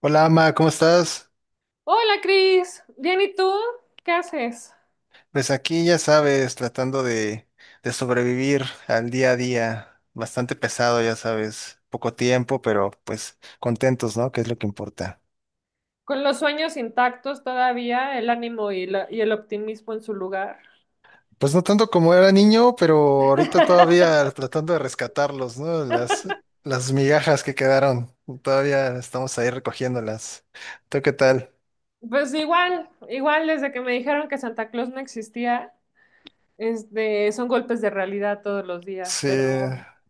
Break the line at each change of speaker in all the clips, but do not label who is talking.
Hola, Ama, ¿cómo estás?
Hola, Cris. Bien, ¿y tú? ¿Qué haces?
Pues aquí ya sabes, tratando de sobrevivir al día a día, bastante pesado, ya sabes, poco tiempo, pero pues contentos, ¿no? Que es lo que importa.
Con los sueños intactos todavía, el ánimo y el optimismo en su lugar.
Pues no tanto como era niño, pero ahorita todavía tratando de rescatarlos, ¿no? Las migajas que quedaron, todavía estamos ahí recogiéndolas. ¿Tú qué tal?
Pues igual, igual desde que me dijeron que Santa Claus no existía, son golpes de realidad todos los días,
Sí,
pero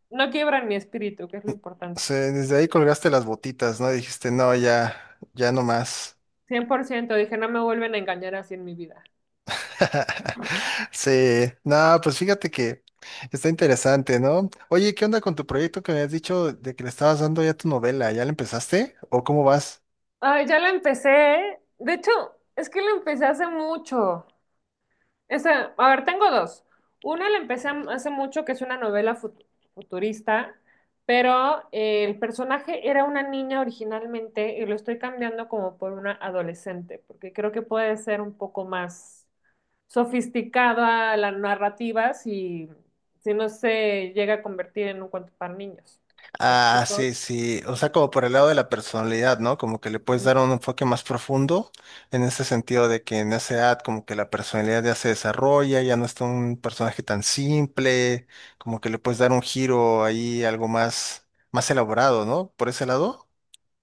no quiebran mi espíritu, que es lo importante.
sí, desde ahí colgaste las botitas, ¿no? Dijiste, no, ya, ya no más.
100%, dije, no me vuelven a engañar así en mi vida.
Sí, no, pues fíjate que está interesante, ¿no? Oye, ¿qué onda con tu proyecto que me has dicho de que le estabas dando ya tu novela? ¿Ya la empezaste? ¿O cómo vas?
Ay, ya la empecé. De hecho, es que la empecé hace mucho. Esa, a ver, tengo dos. Una la empecé hace mucho, que es una novela futurista, pero el personaje era una niña originalmente y lo estoy cambiando como por una adolescente, porque creo que puede ser un poco más sofisticada la narrativa si no se llega a convertir en un cuento para niños. ¿Me
Ah,
explico?
sí, sí, o sea, como por el lado de la personalidad, ¿no? Como que le puedes dar un enfoque más profundo en ese sentido de que en esa edad como que la personalidad ya se desarrolla, ya no es un personaje tan simple, como que le puedes dar un giro ahí, algo más, más elaborado, ¿no? Por ese lado.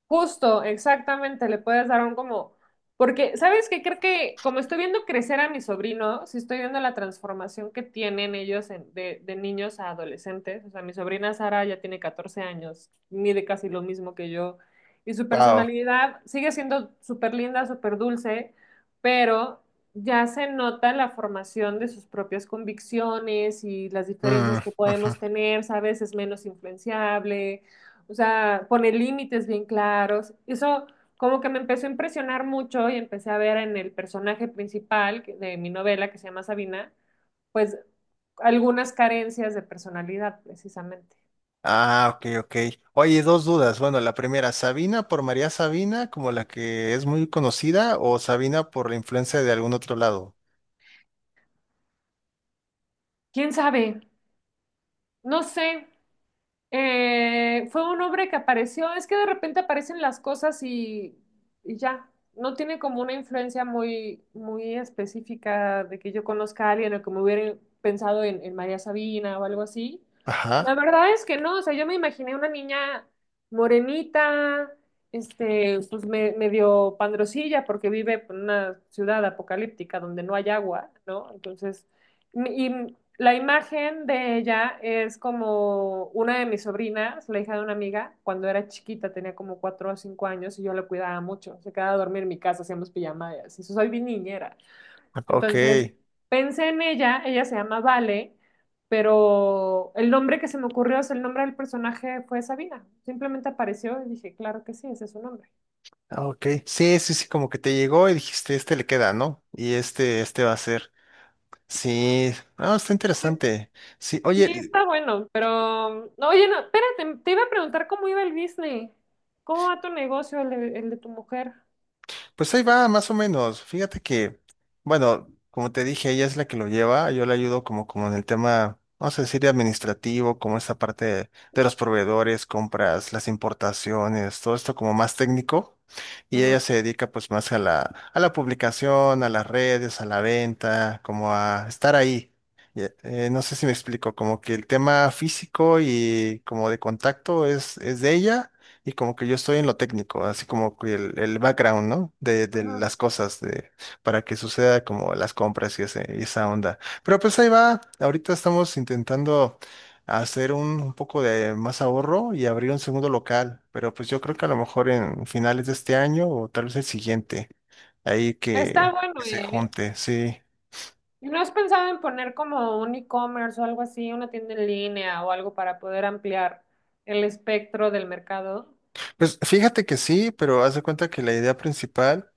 Justo, exactamente, le puedes dar un como, porque, ¿sabes qué? Creo que como estoy viendo crecer a mi sobrino, si estoy viendo la transformación que tienen ellos de niños a adolescentes, o sea, mi sobrina Sara ya tiene 14 años, mide casi lo mismo que yo, y su
Wow.
personalidad sigue siendo súper linda, súper dulce, pero ya se nota la formación de sus propias convicciones y las diferencias que podemos tener, ¿sabes? Es menos influenciable, o sea, pone límites bien claros. Eso como que me empezó a impresionar mucho y empecé a ver en el personaje principal de mi novela, que se llama Sabina, pues algunas carencias de personalidad, precisamente.
Ah, ok, ok. Oye, dos dudas. Bueno, la primera, ¿Sabina por María Sabina, como la que es muy conocida, o Sabina por la influencia de algún otro lado?
¿Quién sabe? No sé. Fue un hombre que apareció, es que de repente aparecen las cosas y ya, no tiene como una influencia muy, muy específica de que yo conozca a alguien o que me hubiera pensado en María Sabina o algo así. La
Ajá,
verdad es que no, o sea, yo me imaginé una niña morenita, pues medio pandrosilla porque vive en una ciudad apocalíptica donde no hay agua, ¿no? Entonces, y la imagen de ella es como una de mis sobrinas, la hija de una amiga, cuando era chiquita, tenía como 4 o 5 años y yo la cuidaba mucho. Se quedaba a dormir en mi casa, hacíamos pijamadas. Y soy bien niñera.
ok,
Entonces, pensé en ella, ella se llama Vale, pero el nombre que se me ocurrió, o sea, el nombre del personaje fue Sabina. Simplemente apareció y dije, claro que sí, ese es su nombre.
ok. Sí, sí, sí, como que te llegó y dijiste, este le queda, ¿no? Y este va a ser. Sí, ah, está interesante. Sí,
Sí,
oye,
está bueno, pero no, oye, no, espérate, te iba a preguntar cómo iba el business. ¿Cómo va tu negocio, el de tu mujer?
pues ahí va, más o menos. Fíjate que, bueno, como te dije, ella es la que lo lleva, yo le ayudo como en el tema, vamos a decir, administrativo, como esta parte de los proveedores, compras, las importaciones, todo esto como más técnico. Y ella
Ajá,
se dedica pues más a a la publicación, a las redes, a la venta, como a estar ahí. Y, no sé si me explico, como que el tema físico y como de contacto es de ella y como que yo estoy en lo técnico, así como que el background, ¿no? De
ajá.
las cosas, de, para que suceda como las compras y, y esa onda. Pero pues ahí va, ahorita estamos intentando hacer un poco de más ahorro y abrir un segundo local, pero pues yo creo que a lo mejor en finales de este año o tal vez el siguiente, ahí
Está
que
bueno,
se
¿eh?
junte, sí.
¿Y no has pensado en poner como un e-commerce o algo así, una tienda en línea o algo para poder ampliar el espectro del mercado?
Pues fíjate que sí, pero haz de cuenta que la idea principal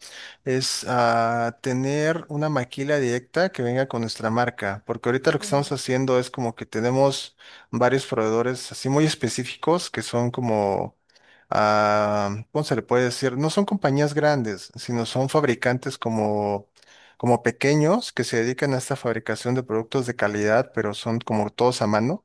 es tener una maquila directa que venga con nuestra marca, porque ahorita lo que estamos
Ujú.
haciendo es como que tenemos varios proveedores así muy específicos que son como, ah, ¿cómo se le puede decir? No son compañías grandes, sino son fabricantes como, como pequeños que se dedican a esta fabricación de productos de calidad, pero son como todos a mano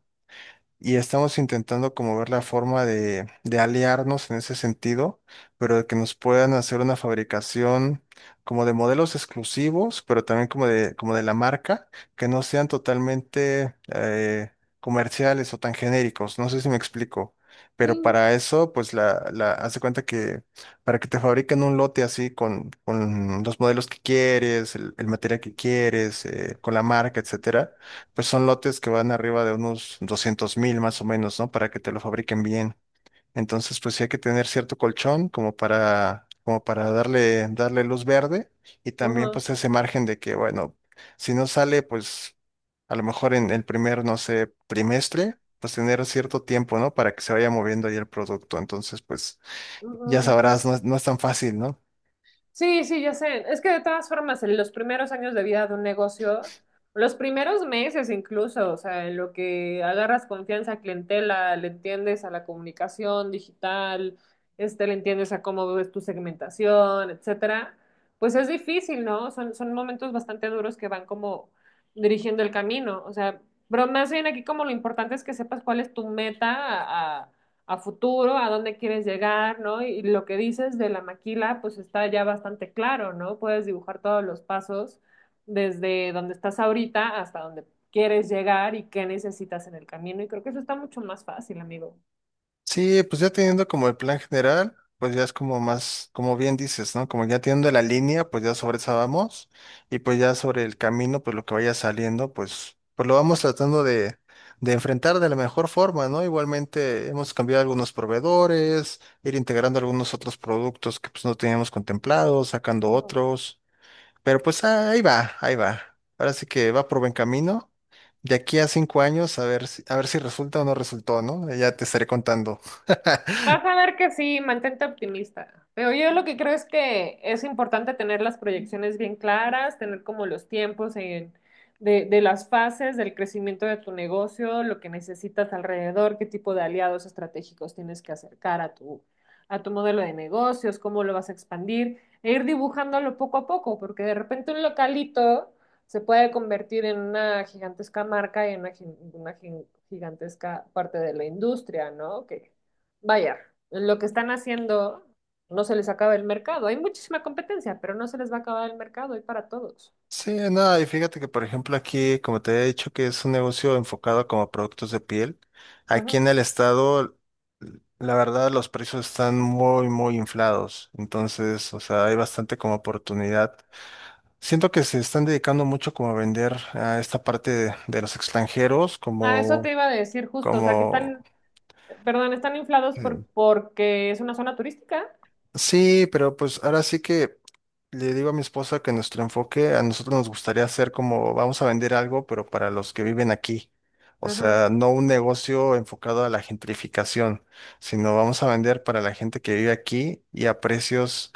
y estamos intentando como ver la forma de aliarnos en ese sentido, pero de que nos puedan hacer una fabricación como de modelos exclusivos, pero también como de la marca, que no sean totalmente comerciales o tan genéricos. No sé si me explico.
Sí.
Pero para eso, pues haz de cuenta que para que te fabriquen un lote así con los modelos que quieres, el material que quieres, con la marca, etcétera, pues son lotes que van arriba de unos 200,000 más o menos, ¿no? Para que te lo fabriquen bien. Entonces, pues sí hay que tener cierto colchón como para, como para darle luz verde y también
Ajá,
pues ese margen de que, bueno, si no sale, pues a lo mejor en el primer, no sé, trimestre, pues tener cierto tiempo, ¿no? Para que se vaya moviendo ahí el producto. Entonces, pues
ajá,
ya sabrás,
ajá.
no, no es tan fácil, ¿no?
Sí, sí, ya sé. Es que de todas formas, en los primeros años de vida de un negocio, los primeros meses incluso, o sea, en lo que agarras confianza a clientela, le entiendes a la comunicación digital, le entiendes a cómo ves tu segmentación, etcétera, pues es difícil, ¿no? Son momentos bastante duros que van como dirigiendo el camino, o sea, pero más bien aquí como lo importante es que sepas cuál es tu meta a, a futuro, a dónde quieres llegar, ¿no? Y lo que dices de la maquila, pues está ya bastante claro, ¿no? Puedes dibujar todos los pasos desde donde estás ahorita hasta donde quieres llegar y qué necesitas en el camino. Y creo que eso está mucho más fácil, amigo.
Sí, pues ya teniendo como el plan general, pues ya es como más, como bien dices, ¿no? Como ya teniendo la línea, pues ya sobre esa vamos y pues ya sobre el camino, pues lo que vaya saliendo, pues, pues lo vamos tratando de enfrentar de la mejor forma, ¿no? Igualmente hemos cambiado algunos proveedores, ir integrando algunos otros productos que pues no teníamos contemplados, sacando
Ujú.
otros. Pero pues ahí va, ahí va. Ahora sí que va por buen camino. De aquí a 5 años, a ver si resulta o no resultó, ¿no? Ya te estaré contando.
Vas a ver que sí, mantente optimista. Pero yo lo que creo es que es importante tener las proyecciones bien claras, tener como los tiempos de las fases del crecimiento de tu negocio, lo que necesitas alrededor, qué tipo de aliados estratégicos tienes que acercar a tu modelo de negocios, cómo lo vas a expandir, e ir dibujándolo poco a poco, porque de repente un localito se puede convertir en una gigantesca marca y en una gigantesca parte de la industria, ¿no? Vaya, lo que están haciendo no se les acaba el mercado. Hay muchísima competencia, pero no se les va a acabar el mercado, hay para todos.
Sí, no, y fíjate que, por ejemplo, aquí, como te he dicho, que es un negocio enfocado como a productos de piel. Aquí
Ujú.
en el estado, la verdad, los precios están muy, muy inflados. Entonces, o sea, hay bastante como oportunidad. Siento que se están dedicando mucho como a vender a esta parte de los extranjeros,
Ah, eso
como,
te iba a decir justo, o sea, que
como
están, perdón, están inflados
Mm.
porque es una zona turística.
Sí, pero pues ahora sí que le digo a mi esposa que nuestro enfoque a nosotros nos gustaría hacer como vamos a vender algo, pero para los que viven aquí. O
Ujú,
sea, no un negocio enfocado a la gentrificación, sino vamos a vender para la gente que vive aquí y a precios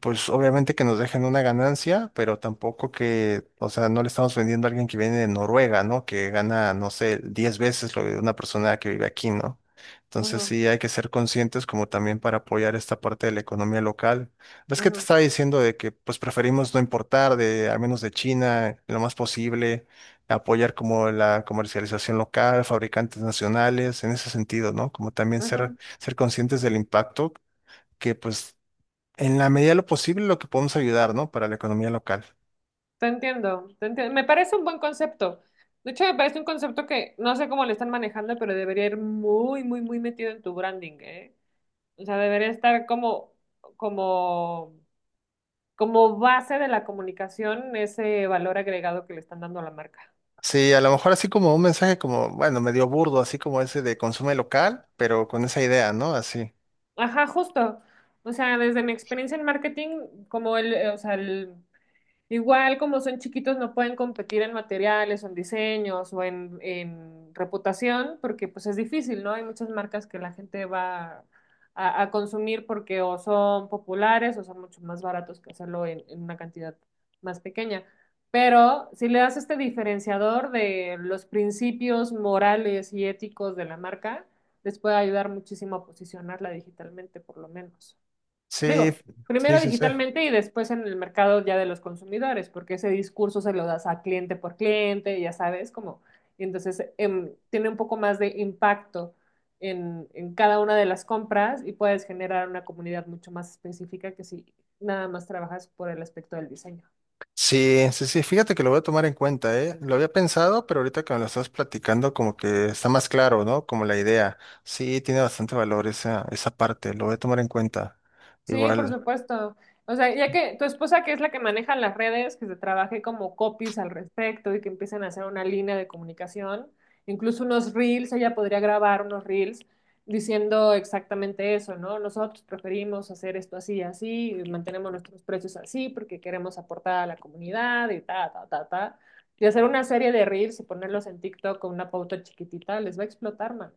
pues obviamente que nos dejen una ganancia, pero tampoco que, o sea, no le estamos vendiendo a alguien que viene de Noruega, ¿no? Que gana, no sé, 10 veces lo de una persona que vive aquí, ¿no? Entonces
ujú,
sí hay que ser conscientes como también para apoyar esta parte de la economía local. ¿Ves que te
ujú,
estaba diciendo de que pues preferimos no importar de, al menos de China, lo más posible, apoyar como la comercialización local, fabricantes nacionales, en ese sentido, ¿no? Como también
ujú.
ser conscientes del impacto que pues en la medida de lo posible, lo que podemos ayudar, ¿no? Para la economía local.
Te entiendo, te entiendo. Me parece un buen concepto. De hecho, me parece un concepto que no sé cómo le están manejando, pero debería ir muy, muy, muy metido en tu branding, ¿eh? O sea, debería estar como, como como base de la comunicación ese valor agregado que le están dando a la marca.
Sí, a lo mejor así como un mensaje como, bueno, medio burdo, así como ese de consume local, pero con esa idea, ¿no? Así.
Ajá, justo. O sea, desde mi experiencia en marketing, como el, o sea, el, igual como son chiquitos no pueden competir en materiales o en diseños o en reputación porque pues es difícil, ¿no? Hay muchas marcas que la gente va a consumir porque o son populares o son mucho más baratos que hacerlo en una cantidad más pequeña. Pero si le das este diferenciador de los principios morales y éticos de la marca, les puede ayudar muchísimo a posicionarla digitalmente por lo menos.
Sí,
Digo,
sí,
primero
sí, sí.
digitalmente y después en el mercado ya de los consumidores, porque ese discurso se lo das a cliente por cliente, ya sabes, como, y entonces tiene un poco más de impacto en cada una de las compras y puedes generar una comunidad mucho más específica que si nada más trabajas por el aspecto del diseño.
Sí, sí, sí, fíjate que lo voy a tomar en cuenta, ¿eh? Lo había pensado, pero ahorita que me lo estás platicando, como que está más claro, ¿no? Como la idea. Sí, tiene bastante valor esa, esa parte, lo voy a tomar en cuenta.
Sí, por
Igual.
supuesto. O sea, ya que tu esposa, que es la que maneja las redes, que se trabaje como copies al respecto y que empiecen a hacer una línea de comunicación, incluso unos reels, ella podría grabar unos reels diciendo exactamente eso, ¿no? Nosotros preferimos hacer esto así y así, y mantenemos nuestros precios así porque queremos aportar a la comunidad y ta, ta, ta, ta. Y hacer una serie de reels y ponerlos en TikTok con una pauta chiquitita, les va a explotar, man.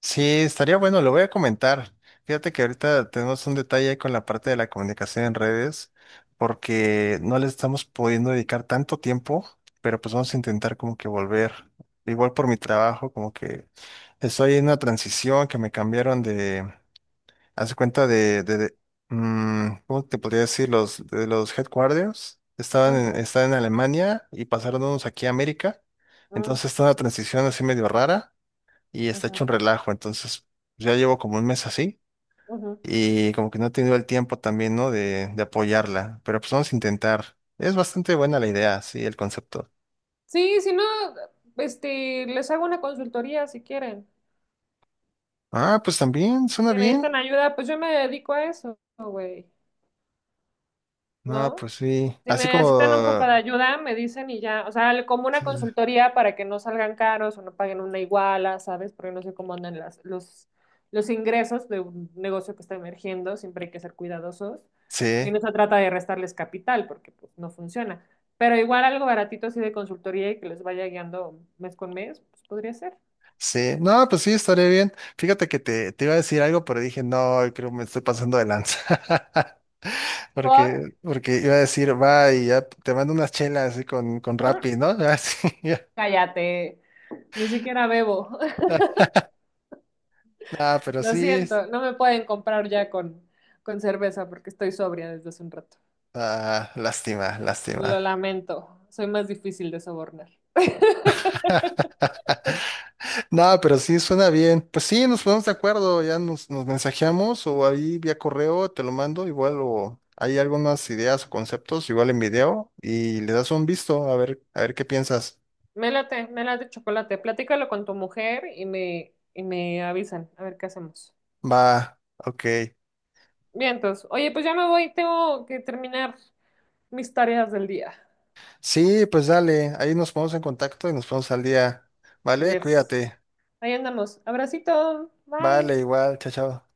Sí, estaría bueno, lo voy a comentar. Fíjate que ahorita tenemos un detalle ahí con la parte de la comunicación en redes, porque no le estamos pudiendo dedicar tanto tiempo, pero pues vamos a intentar como que volver. Igual por mi trabajo, como que estoy en una transición que me cambiaron de, hace cuenta de ¿cómo te podría decir? Los, de los headquarters. Estaban
Ajá,
en, estaban en Alemania y pasaron unos aquí a América.
ajá,
Entonces está una transición así medio rara y está
ajá,
hecho un relajo. Entonces, pues, ya llevo como un mes así
ujú.
y como que no he tenido el tiempo también, ¿no? De apoyarla, pero pues vamos a intentar. Es bastante buena la idea, sí, el concepto.
Sí, si no, les hago una consultoría si quieren.
Ah, pues también, suena
Si
bien.
necesitan ayuda, pues yo me dedico a eso, güey,
No,
¿no?
pues sí.
Si
Así
necesitan un poco
como...
de ayuda, me dicen y ya, o sea, como una
Sí,
consultoría para que no salgan caros o no paguen una iguala, ¿sabes? Porque no sé cómo andan las, los ingresos de un negocio que está emergiendo, siempre hay que ser cuidadosos. Y
sí.
no se trata de restarles capital porque pues no funciona. Pero igual algo baratito así de consultoría y que les vaya guiando mes con mes, pues podría ser.
Sí. No, pues sí, estaría bien. Fíjate que te iba a decir algo, pero dije, no, creo que me estoy pasando de lanza.
Por
Porque iba a decir, va y ya te mando unas chelas así con
No,
Rappi, ¿no? Así, ya.
cállate, ni siquiera bebo.
Ah, pero
Lo
sí.
siento, no me pueden comprar ya con cerveza porque estoy sobria desde hace un rato.
Ah, lástima, lástima.
Lo lamento, soy más difícil de sobornar.
No, pero sí suena bien. Pues sí, nos ponemos de acuerdo, ya nos mensajeamos o ahí vía correo te lo mando, igual o hay algunas ideas o conceptos, igual en video y le das un visto a ver qué piensas.
Me late chocolate. Platícalo con tu mujer y me avisan a ver qué hacemos.
Va, ok.
Bien, entonces, oye, pues ya me voy, tengo que terminar mis tareas del día.
Sí, pues dale, ahí nos ponemos en contacto y nos ponemos al día. Vale,
Yes.
cuídate.
Ahí andamos. Abracito, bye.
Vale, igual, chao, chao.